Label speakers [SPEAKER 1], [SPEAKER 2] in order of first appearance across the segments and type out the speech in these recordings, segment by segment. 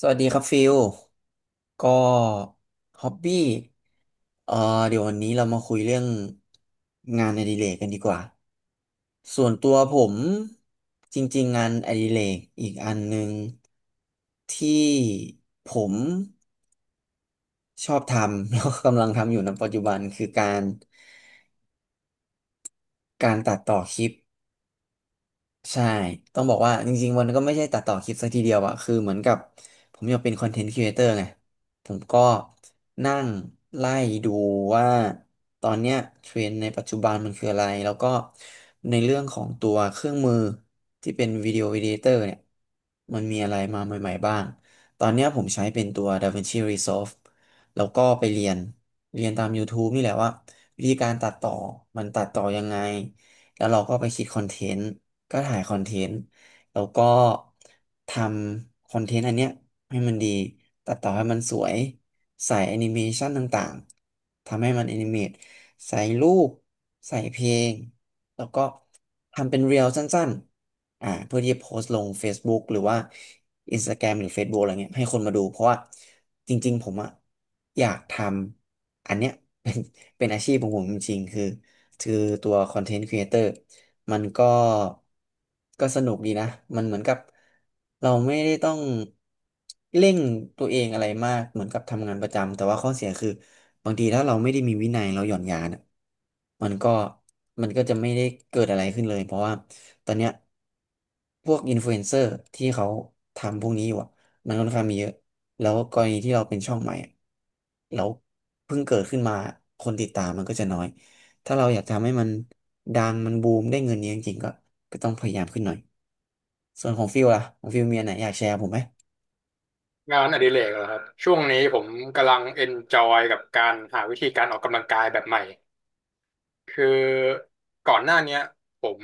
[SPEAKER 1] สวัสดีครับฟิลก็ฮอบบี้เอ่อเดี๋ยววันนี้เรามาคุยเรื่องงานอดิเรกกันดีกว่าส่วนตัวผมจริงๆงานอดิเรกอีกอันหนึ่งที่ผมชอบทำ แล้วก็กำลังทำอยู่ในปัจจุบันคือการตัดต่อคลิป ใช่ ต้องบอกว่าจริงๆ วันก็ไม่ใช่ตัดต่อคลิปซะทีเดียวอะคือเหมือนกับผมอยากเป็นคอนเทนต์ครีเอเตอร์ไงผมก็นั่งไล่ดูว่าตอนเนี้ยเทรนด์ในปัจจุบันมันคืออะไร แล้วก็ในเรื่องของตัวเครื่องมือที่เป็นวิดีโอ e d ด t เตอร์เนี่ยมันมีอะไรมาใหม่ๆบ้าง ตอนเนี้ยผมใช้เป็นตัว DaVinci Resolve แล้วก็ไปเรียนตาม YouTube นี่แหละว่าวิธีการตัดต่อมันตัดต่อยังไง แล้วเราก็ไปคิดคอนเทนต์ก็ถ่ายคอนเทนต์แล้วก็ทำคอนเทนต์อันเนี้ยให้มันดีตัดต่อให้มันสวยใส่แอนิเมชันต่างๆทำให้มันแอนิเมตใส่รูปใส่เพลงแล้วก็ทำเป็นเรียลสั้นๆเพื่อที่จะโพสต์ลง Facebook หรือว่า Instagram หรือ Facebook อะไรเงี้ยให้คนมาดูเพราะว่าจริงๆผมอะอยากทำอันเนี้ย เป็นเป็นอาชีพของผมจริงๆคือ คือตัวคอนเทนต์ครีเอเตอร์มันก็สนุกดีนะมันเหมือนกับเราไม่ได้ต้องเร่งตัวเองอะไรมากเหมือนกับทำงานประจำแต่ว่าข้อเสียคือบางทีถ้าเราไม่ได้มีวินัยเราหย่อนยานอะมันก็มันก็จะไม่ได้เกิดอะไรขึ้นเลยเพราะว่าตอนเนี้ยพวกอินฟลูเอนเซอร์ที่เขาทำพวกนี้อยู่อะมันค่อนข้างมีเยอะแล้วกรณีที่เราเป็นช่องใหม่อะแล้วเพิ่งเกิดขึ้นมาคนติดตามมันก็จะน้อย ถ้าเราอยากจะทำให้มันดังมันบูมได้เงินเยอะจริงๆก็ต้องพยายามขึ้นหน่อยส่วนของฟิลล่ะของฟิลมีอันไหนอยากแชร์ผมไหม
[SPEAKER 2] งานอดิเรกเหรอครับช่วงนี้ผมกำลังเอนจอยกับการหาวิธีการออกกำลังกายแบบใหม่คือก่อนหน้าเนี้ยผม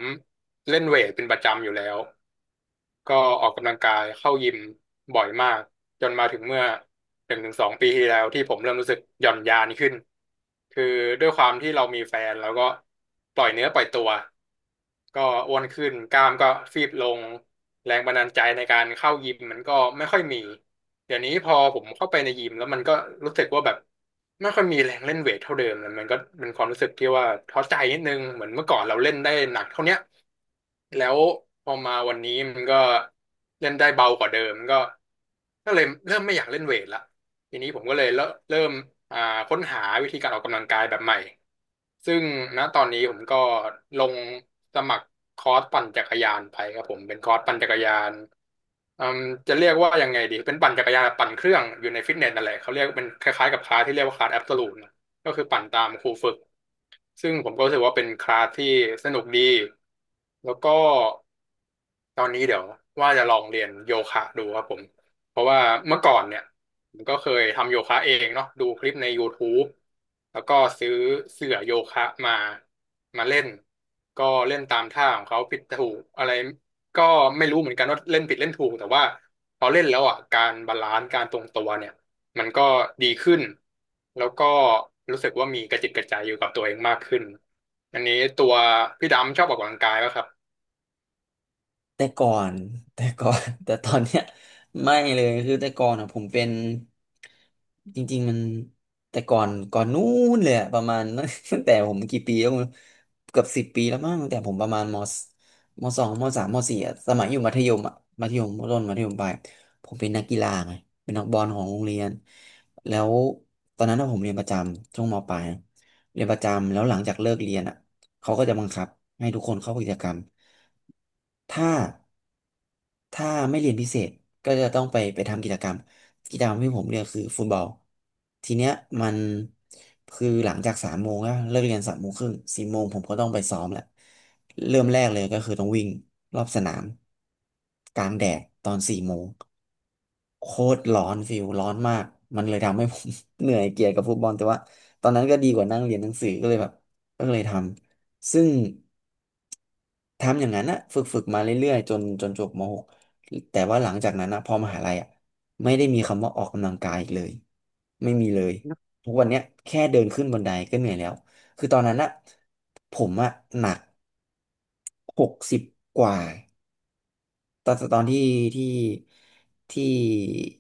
[SPEAKER 2] เล่นเวทเป็นประจำอยู่แล้วก็ออกกำลังกายเข้ายิมบ่อยมากจนมาถึงเมื่อหนึ่งถึงสองปีที่แล้วที่ผมเริ่มรู้สึกหย่อนยานขึ้นคือด้วยความที่เรามีแฟนแล้วก็ปล่อยเนื้อปล่อยตัว ก็อ้วนขึ้นกล้ามก็ฟีบลงแรงบันดาลใจในการเข้ายิมมันก็ไม่ค่อยมีเดี๋ยวนี้พอผมเข้าไปในยิมแล้วมันก็รู้สึกว่าแบบไม่ค่อยมีแรงเล่นเวทเท่าเดิมแล้วมันก็เป็นความรู้สึกที่ว่าท้อใจนิดนึงเหมือนเมื่อก่อนเราเล่นได้หนักเท่าเนี้ยแล้วพอมาวันนี้มันก็เล่นได้เบากว่าเดิมก็ก็เลยเริ่มไม่อยากเล่นเวทละ ทีนี้ผมก็เลยเริ่มอ่าค้นหาวิธีการออกกำลังกายแบบใหม่ซึ่งณตอนนี้ผมก็ลงสมัครคอร์สปั่นจักรยานไปครับผมเป็นคอร์สปั่นจักรยานอืมจะเรียกว่ายังไงดีเป็นปั่นจักรยานแบบปั่นเครื่องอยู่ในฟิตเนสนั่นแหละเขาเรียกเป็นคล้ายๆกับคลาสที่เรียกว่าคลาสแอบโซลูทนะก็คือปั่นตามครูฝึกซึ่งผมก็รู้สึกว่าเป็นคลาสที่สนุกดีแล้วก็ตอนนี้เดี๋ยวว่าจะลองเรียนโยคะดูครับผม เพราะว่าเมื่อก่อนเนี่ยผมก็เคยทำโยคะเองเนาะดูคลิปใน YouTube แล้วก็ซื้อเสื่อโยคะมามาเล่นก็เล่นตามท่าของเขาผิดถูกอะไรก็ไม่รู้เหมือนกันว่าเล่นผิดเล่นถูกแต่ว่าพอเล่นแล้วอ่ะการบาลานซ์การทรงตัวเนี่ยมันก็ดีขึ้นแล้วก็รู้สึกว่ามีกระจิตกระใจอยู่กับตัวเองมากขึ้นอันนี้ตัวพี่ดำชอบออกกำลังกายป่ะครับ
[SPEAKER 1] แต่ก่อน แต่ก่อน แต่ตอนเนี้ยไม่เลยคือแต่ก่อนอ่ะผมเป็นจริงๆมันแต่ก่อนนู้นเลยอะประมาณ ตั้งแต่ผมกี่ปีแล้วไม่รู้เกือบ10 ปีแล้วมั้งตั้งแต่ผมประมาณมสมสองมสามมสี่อะสมัยอยู่มัธยมอะมัธยมต้นมัธยมปลายผมเป็นนักกีฬาไงเป็นนักบอลของโรงเรียนแล้วตอนนั้นอะผมเรียนประจำช่วงมปลายนะเรียนประจำแล้วหลังจากเลิกเรียนอ่ะเขาก็จะบังคับให้ทุกคนเข้ากิจกรรมถ้า ไม่เรียนพิเศษก็จะต้องไปทำกิจกรรมที่ผมเลือกคือฟุตบอลทีเนี้ยมันคือหลังจากสามโมงอะเลิกเรียน3 โมงครึ่งสี่โมงผมก็ต้องไปซ้อมแหละเริ่มแรกเลยก็คือต้องวิ่งรอบสนามกลางแดดตอนสี่โมงโคตรร้อนฟิลร้อนมากมันเลยทำให้ผม เหนื่อยเกียจกับฟุตบอลแต่ว่าตอนนั้นก็ดีกว่านั่งเรียนหนังสือก็เลยแบบก็เลยทำซึ่ง ทำอย่างนั้นอะฝึกมาเรื่อยๆจนจบม .6 แต่ว่าหลังจากนั้นนะพอมหาลัยอะไม่ได้มีคำว่าออกกำลังกายอีกเลยไม่มีเลยทุกวันเนี้ยแค่เดินขึ้นบันไดก็เหนื่อยแล้วคือตอนนั้นอะผมอะหนักหกสิบกว่า ตอนตอนที่ที่ที่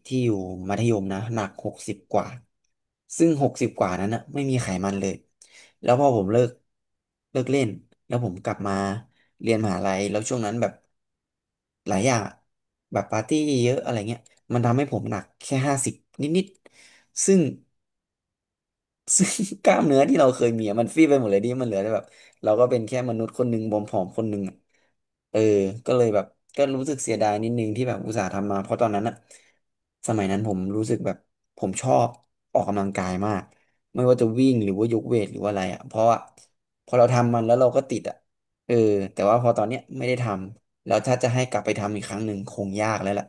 [SPEAKER 1] ที่อยู่มัธยมนะหนักหกสิบกว่าซึ่งหกสิบกว่านั้นนะไม่มีไขมันเลยแล้วพอผมเลิกเล่นแล้วผมกลับมาเรียนมหาลัยแล้วช่วงนั้นแบบหลายอย่างอะแบบปาร์ตี้เยอะอะไรเงี้ยมันทำให้ผมหนักแค่50นิดๆซึ่ง ซึ่งกล้ามเนื้อที่เราเคยมีอะมันฟีบไปหมดเลยดิมันเหลือแต่แบบเราก็เป็นแค่มนุษย์คนหนึ่งผอมๆคนหนึ่งอะเออก็เลยแบบก็รู้สึกเสียดายนิดนึงที่แบบอุตส่าห์ทำมาเพราะตอนนั้นอะสมัยนั้นผมรู้สึกแบบผมชอบออกกำลังกายมากไม่ว่าจะวิ่งหรือว่ายกเวทหรือว่าอะไรอะเพราะว่าพอเราทำมันแล้วเราก็ติดอะเออแต่ว่าพอตอนเนี้ยไม่ได้ทำแล้วถ้าจะให้กลับไปทำอีกครั้งหนึ่งคงยากแล้วล่ะ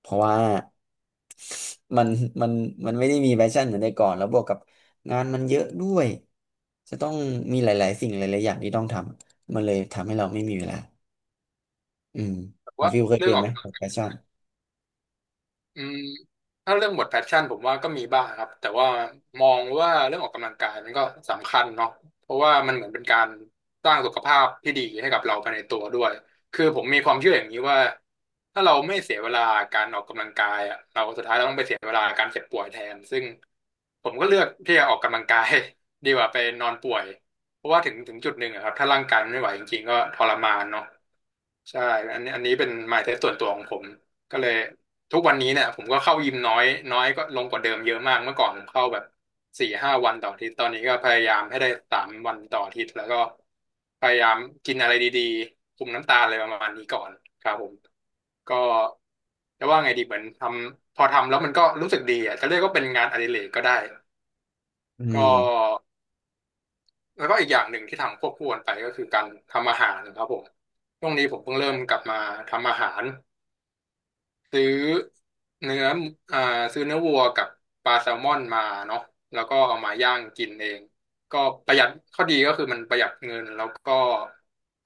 [SPEAKER 1] เพราะว่า มันมันมันไม่ได้มีแพชชั่นเหมือนแต่ก่อนแล้วบวกกับงานมันเยอะด้วยจะต้องมีหลายๆสิ่งหลายๆอย่างที่ต้องทำมันเลยทำให้เราไม่มีเวลาอืม
[SPEAKER 2] แต่
[SPEAKER 1] ของ
[SPEAKER 2] ว่า
[SPEAKER 1] ฟิวเคย
[SPEAKER 2] เรื่อ
[SPEAKER 1] เป็
[SPEAKER 2] ง
[SPEAKER 1] น
[SPEAKER 2] ออ
[SPEAKER 1] ไหม
[SPEAKER 2] ก
[SPEAKER 1] แพชชั่น
[SPEAKER 2] อืมถ้าเรื่องหมดแพชชั่นผมว่าก็มีบ้างครับแต่ว่ามองว่าเรื่องออกกำลังกายมันก็สำคัญเนาะเพราะว่ามันเหมือนเป็นการสร้างสุขภาพที่ดีให้กับเราภายในตัวด้วยคือผมมีความเชื่ออย่างนี้ว่าถ้าเราไม่เสียเวลาการออกกำลังกายอะเราสุดท้ายเราต้องไปเสียเวลาการเจ็บป่วยแทนซึ่งผมก็เลือกที่จะออกกำลังกาย ดีกว่าไปนอนป่วยเพราะว่าถึงจุดหนึ่งอะครับถ้าร่างกายมันไม่ไหวจริงๆก็ทรมานเนาะ ใช่อันนี้เป็น mindset ส่วนตัวของผม ก็เลยทุกวันนี้เนี่ยผมก็เข้ายิมน้อย น้อยก็ลงกว่าเดิมเยอะมากเมื่อก่อนผมเข้าแบบสี่ห้าวันต่ออาทิตย์ตอนนี้ก็พยายามให้ได้สามวันต่ออาทิตย์แล้วก็พยายามกินอะไรดีๆคุมน้ำตาลอะไรประมาณนี้ก่อนครับผมก็จะว่าไงดีเหมือนทำพอทำแล้วมันก็รู้สึกดีอ่ะจะเรียกว่าเป็นงานอดิเรกก็ได้
[SPEAKER 1] อื
[SPEAKER 2] ก็
[SPEAKER 1] ม
[SPEAKER 2] แล้วก็อีกอย่างหนึ่งที่ทำควบคู่กันไปก็คือการทำอาหารนะครับผมช่วงนี้ผมเพิ่งเริ่มกลับมาทำอาหาร ซื้อเนื้ออ่าซื้อเนื้อวัวกับปลาแซลมอนมาเนาะแล้วก็เอามาย่างกินเองก็ประหยัดข้อดีก็คือมันประหยัดเงินแล้วก็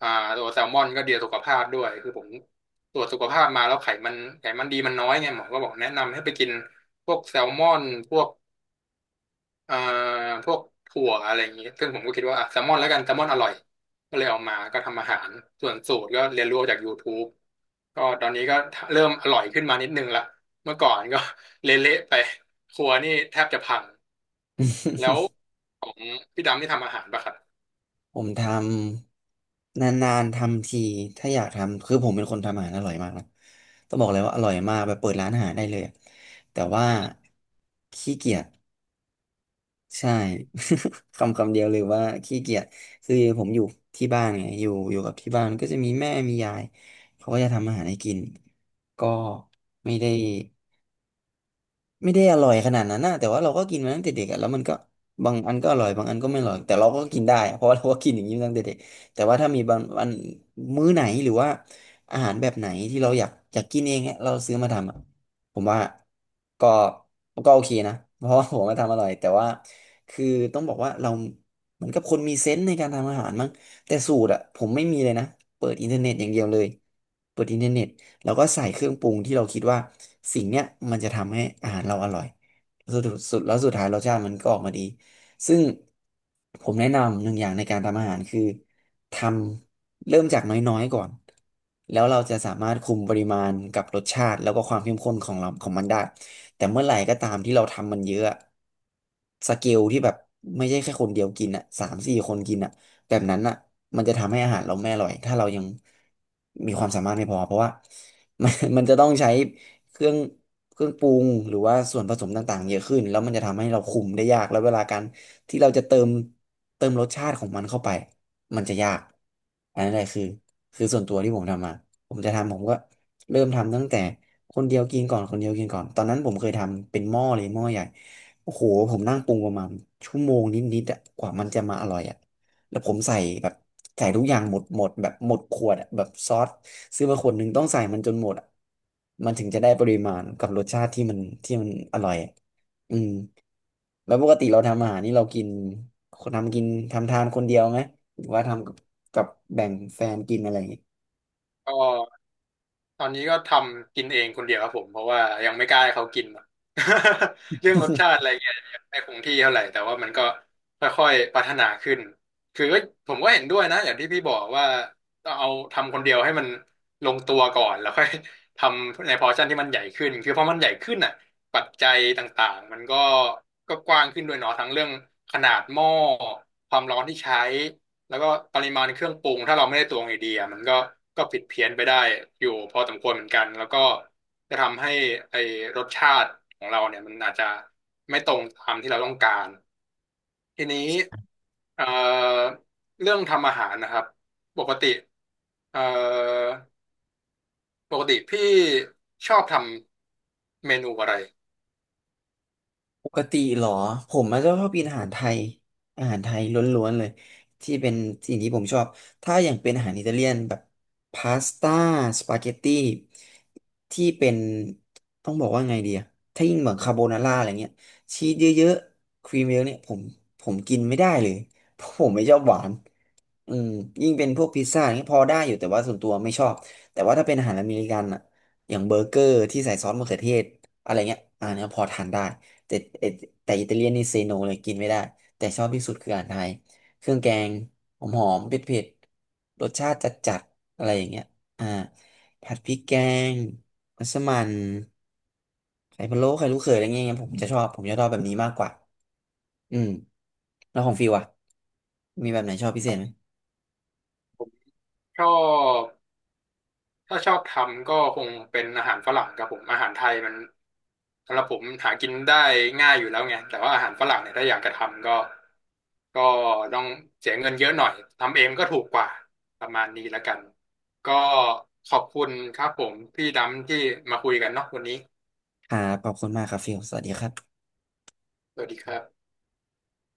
[SPEAKER 2] อ่าตัวแซลมอนก็ดีต่อสุขภาพด้วยคือผมตรวจสุขภาพมาแล้วไขมันดีมันน้อยไงหมอก็บอกแนะนำให้ไปกินพวกแซลมอนพวก เอ่อพวกถั่วอะไรอย่างนี้ซึ่งผมก็คิดว่าอ่ะแซลมอนแล้วกันแซลมอนอร่อยก็เลยเอามาก็ทำอาหารส่วนสูตรก็เรียนรู้จาก YouTube ก็ตอนนี้ก็เริ่มอร่อยขึ้นมานิดนึงละเมื่อก่อนก็ เละๆไปครัวนี่แทบจะพังแล้วของพี่ดำที่ทำอาหารปะครับ
[SPEAKER 1] ผมทำนานๆทำทีถ้าอยากทำคือผมเป็นคนทำอาหารอร่อยมากนะต้องบอกเลยว่าอร่อยมากแบบเปิดร้านอาหารได้เลยอะแต่ว่าขี้เกียจ ใช่ คำคำเดียวเลยว่าขี้เกียจคือผมอยู่ที่บ้านไงอยู่กับที่บ้านก็จะมีแม่มียายเขาก็จะทำอาหารให้กินก็ไม่ได้ ไม่ได้อร่อยขนาดนั้นนะแต่ว่าเราก็กินมาตั้งแต่เด็กอะแล้วมันก็บางอันก็อร่อยบางอันก็ไม่อร่อยแต่เราก็กินได้อะ เพราะว่าเราก็กินอย่างนี้มาตั้งแต่เด็กแต่ว่าถ้ามีบางอันมื้อไหนหรือว่าอาหารแบบไหนที่เราอยากกินเองอะเราซื้อมาทำอะผมว่าก็ก็โอเคนะเพราะว่าผมมาทำอร่อยแต่ว่าคือต้องบอกว่าเราเหมือนกับคนมีเซนส์ในการทำอาหารมั้ง แต่สูตรอะผมไม่มีเลยนะเปิดอินเทอร์เน็ตอย่างเดียวเลยเปิดอินเทอร์เน็ตแล้วก็ใส่เครื่องปรุงที่เราคิดว่าสิ่งเนี้ยมันจะทำให้อาหารเราอร่อยสุดสุดแล้วสุดท้ายรสชาติมันก็ออกมาดีซึ่งผมแนะนำหนึ่งอย่างในการทำอาหารคือทำเริ่มจากน้อยๆก่อนแล้วเราจะสามารถคุมปริมาณกับรสชาติแล้วก็ความเข้มข้นของเราของมันได้แต่เมื่อไหร่ก็ตามที่เราทำมันเยอะอะสเกลที่แบบไม่ใช่แค่คนเดียวกินอ่ะสามสี่คนกินอ่ะ แบบนั้นอ่ะมันจะทำให้อาหารเราไม่อร่อย ถ้าเรายังมีความสามารถไม่พอเพราะว่า มันจะต้องใช้เครื่องเครื่องปรุงหรือว่าส่วนผสมต่างๆเยอะขึ้นแล้วมันจะทำให้เราคุมได้ยากแล้วเวลาการที่เราจะเติมรสชาติของมันเข้าไปมันจะยากอันนั้นแหละคือส่วนตัวที่ผมทำมาผมจะทำผมก็เริ่มทำตั้งแต่คนเดียวกินก่อนคนเดียวกินก่อน ตอนนั้นผมเคยทำเป็นหม้อเลยหม้อใหญ่โอ้โหผมนั่งปรุงประมาณชั่วโมงนิดๆอะกว่ามันจะมาอร่อยอะ แล้วผมใส่แบบใส่ทุกอย่างหมดแบบหมดขวดอะแบบซอสซื้อมาขวดหนึ่งต้องใส่มันจนหมดอะมันถึงจะได้ปริมาณกับรสชาติที่มันอร่อยอะอืมแล้วปกติเราทำอาหารนี่เรากินคนทำกินทำทานคนเดียวไหมหรือว่าทำกับแบ่งแฟนกินอะไรอย่างงี้
[SPEAKER 2] ก็ ตอนนี้ก็ทำกินเองคนเดียวครับผมเพราะว่ายังไม่กล้าให้เขากิน เรื่องรสชาติอะไรเงี้ยยังไม่คงที่เท่าไหร่แต่ว่ามันก็ค่อยๆพัฒนาขึ้นคือก็ผมก็เห็นด้วยนะอย่างที่พี่บอกว่าต้องเอาทำคนเดียวให้มันลงตัวก่อนแล้วค่อยทำในพอร์ชั่นที่มันใหญ่ขึ้นคือพอมันใหญ่ขึ้นอ่ะปัจจัยต่างๆมันก็ก็กว้างขึ้นด้วยเนาะทั้งเรื่องขนาดหม้อความร้อนที่ใช้ แล้วก็ปริมาณเครื่องปรุงถ้าเราไม่ได้ตวงไอเดียมันก็ก็ผิดเพี้ยนไปได้อยู่พอสมควรเหมือนกันแล้วก็จะทำให้ไอรสชาติของเราเนี่ยมันอาจจะไม่ตรงตามที่เราต้องการทีนี้เอ่อเรื่องทำอาหารนะครับปกติเอ่อปกติพี่ชอบทำเมนูอะไร
[SPEAKER 1] ปกติเหรอผมมันก็ชอบกินอาหารไทยอาหารไทยล้วนๆเลยที่เป็นสิ่งที่ผมชอบถ้าอย่างเป็นอาหารอิตาเลียนแบบพาสต้าสปาเกตตี้ที่เป็นต้องบอกว่าไงดีอะถ้ายิ่งเหมือนคาโบนาร่าอะไรเงี้ยชีสเยอะๆครีมเยอะเนี่ยผมกินไม่ได้เลย เพราะผมไม่ชอบหวานอืมยิ่งเป็นพวกพิซซ่าอย่างเงี้ยพอได้อยู่แต่ว่าส่วนตัวไม่ชอบแต่ว่าถ้าเป็นอาหารอเมริกันอะอย่างเบอร์เกอร์ที่ใส่ซอสมะเขือเทศอะไรเงี้ยอันเนี้ยพอทานได้ แต่อ่แต่อิตาเลียนนี่เซโนเลยกินไม่ได้แต่ชอบที่สุดคืออาหารไทยเครื่องแกงหอมหอมเผ็ดเผ็ดๆรสชาติจัดจัดอะไรอย่างเงี้ยอ่าผัดพริกแกงมัสมั่นไข่พะโล้ไข่ลูกเขยอะไรเงี้ยผมจะชอบแบบนี้มากกว่าอืมแล้วของฟิวอะมีแบบไหนชอบพิเศษไหม
[SPEAKER 2] ผมชอบ ถ้าชอบทำก็คงเป็นอาหารฝรั่งครับผมอาหารไทยมันสำหรับผมหากินได้ง่ายอยู่แล้วไงแต่ว่าอาหารฝรั่งเนี่ยถ้าอยากจะทำก็ก็ต้องเสียเงินเยอะหน่อยทำเองก็ถูกกว่าประมาณนี้แล้วกันก็ขอบคุณครับผมพี่ดำที่มาคุยกันเนาะวันนี้
[SPEAKER 1] ครับขอบคุณมากครับฟิวสวัสดีครับ
[SPEAKER 2] สวัสดีครับ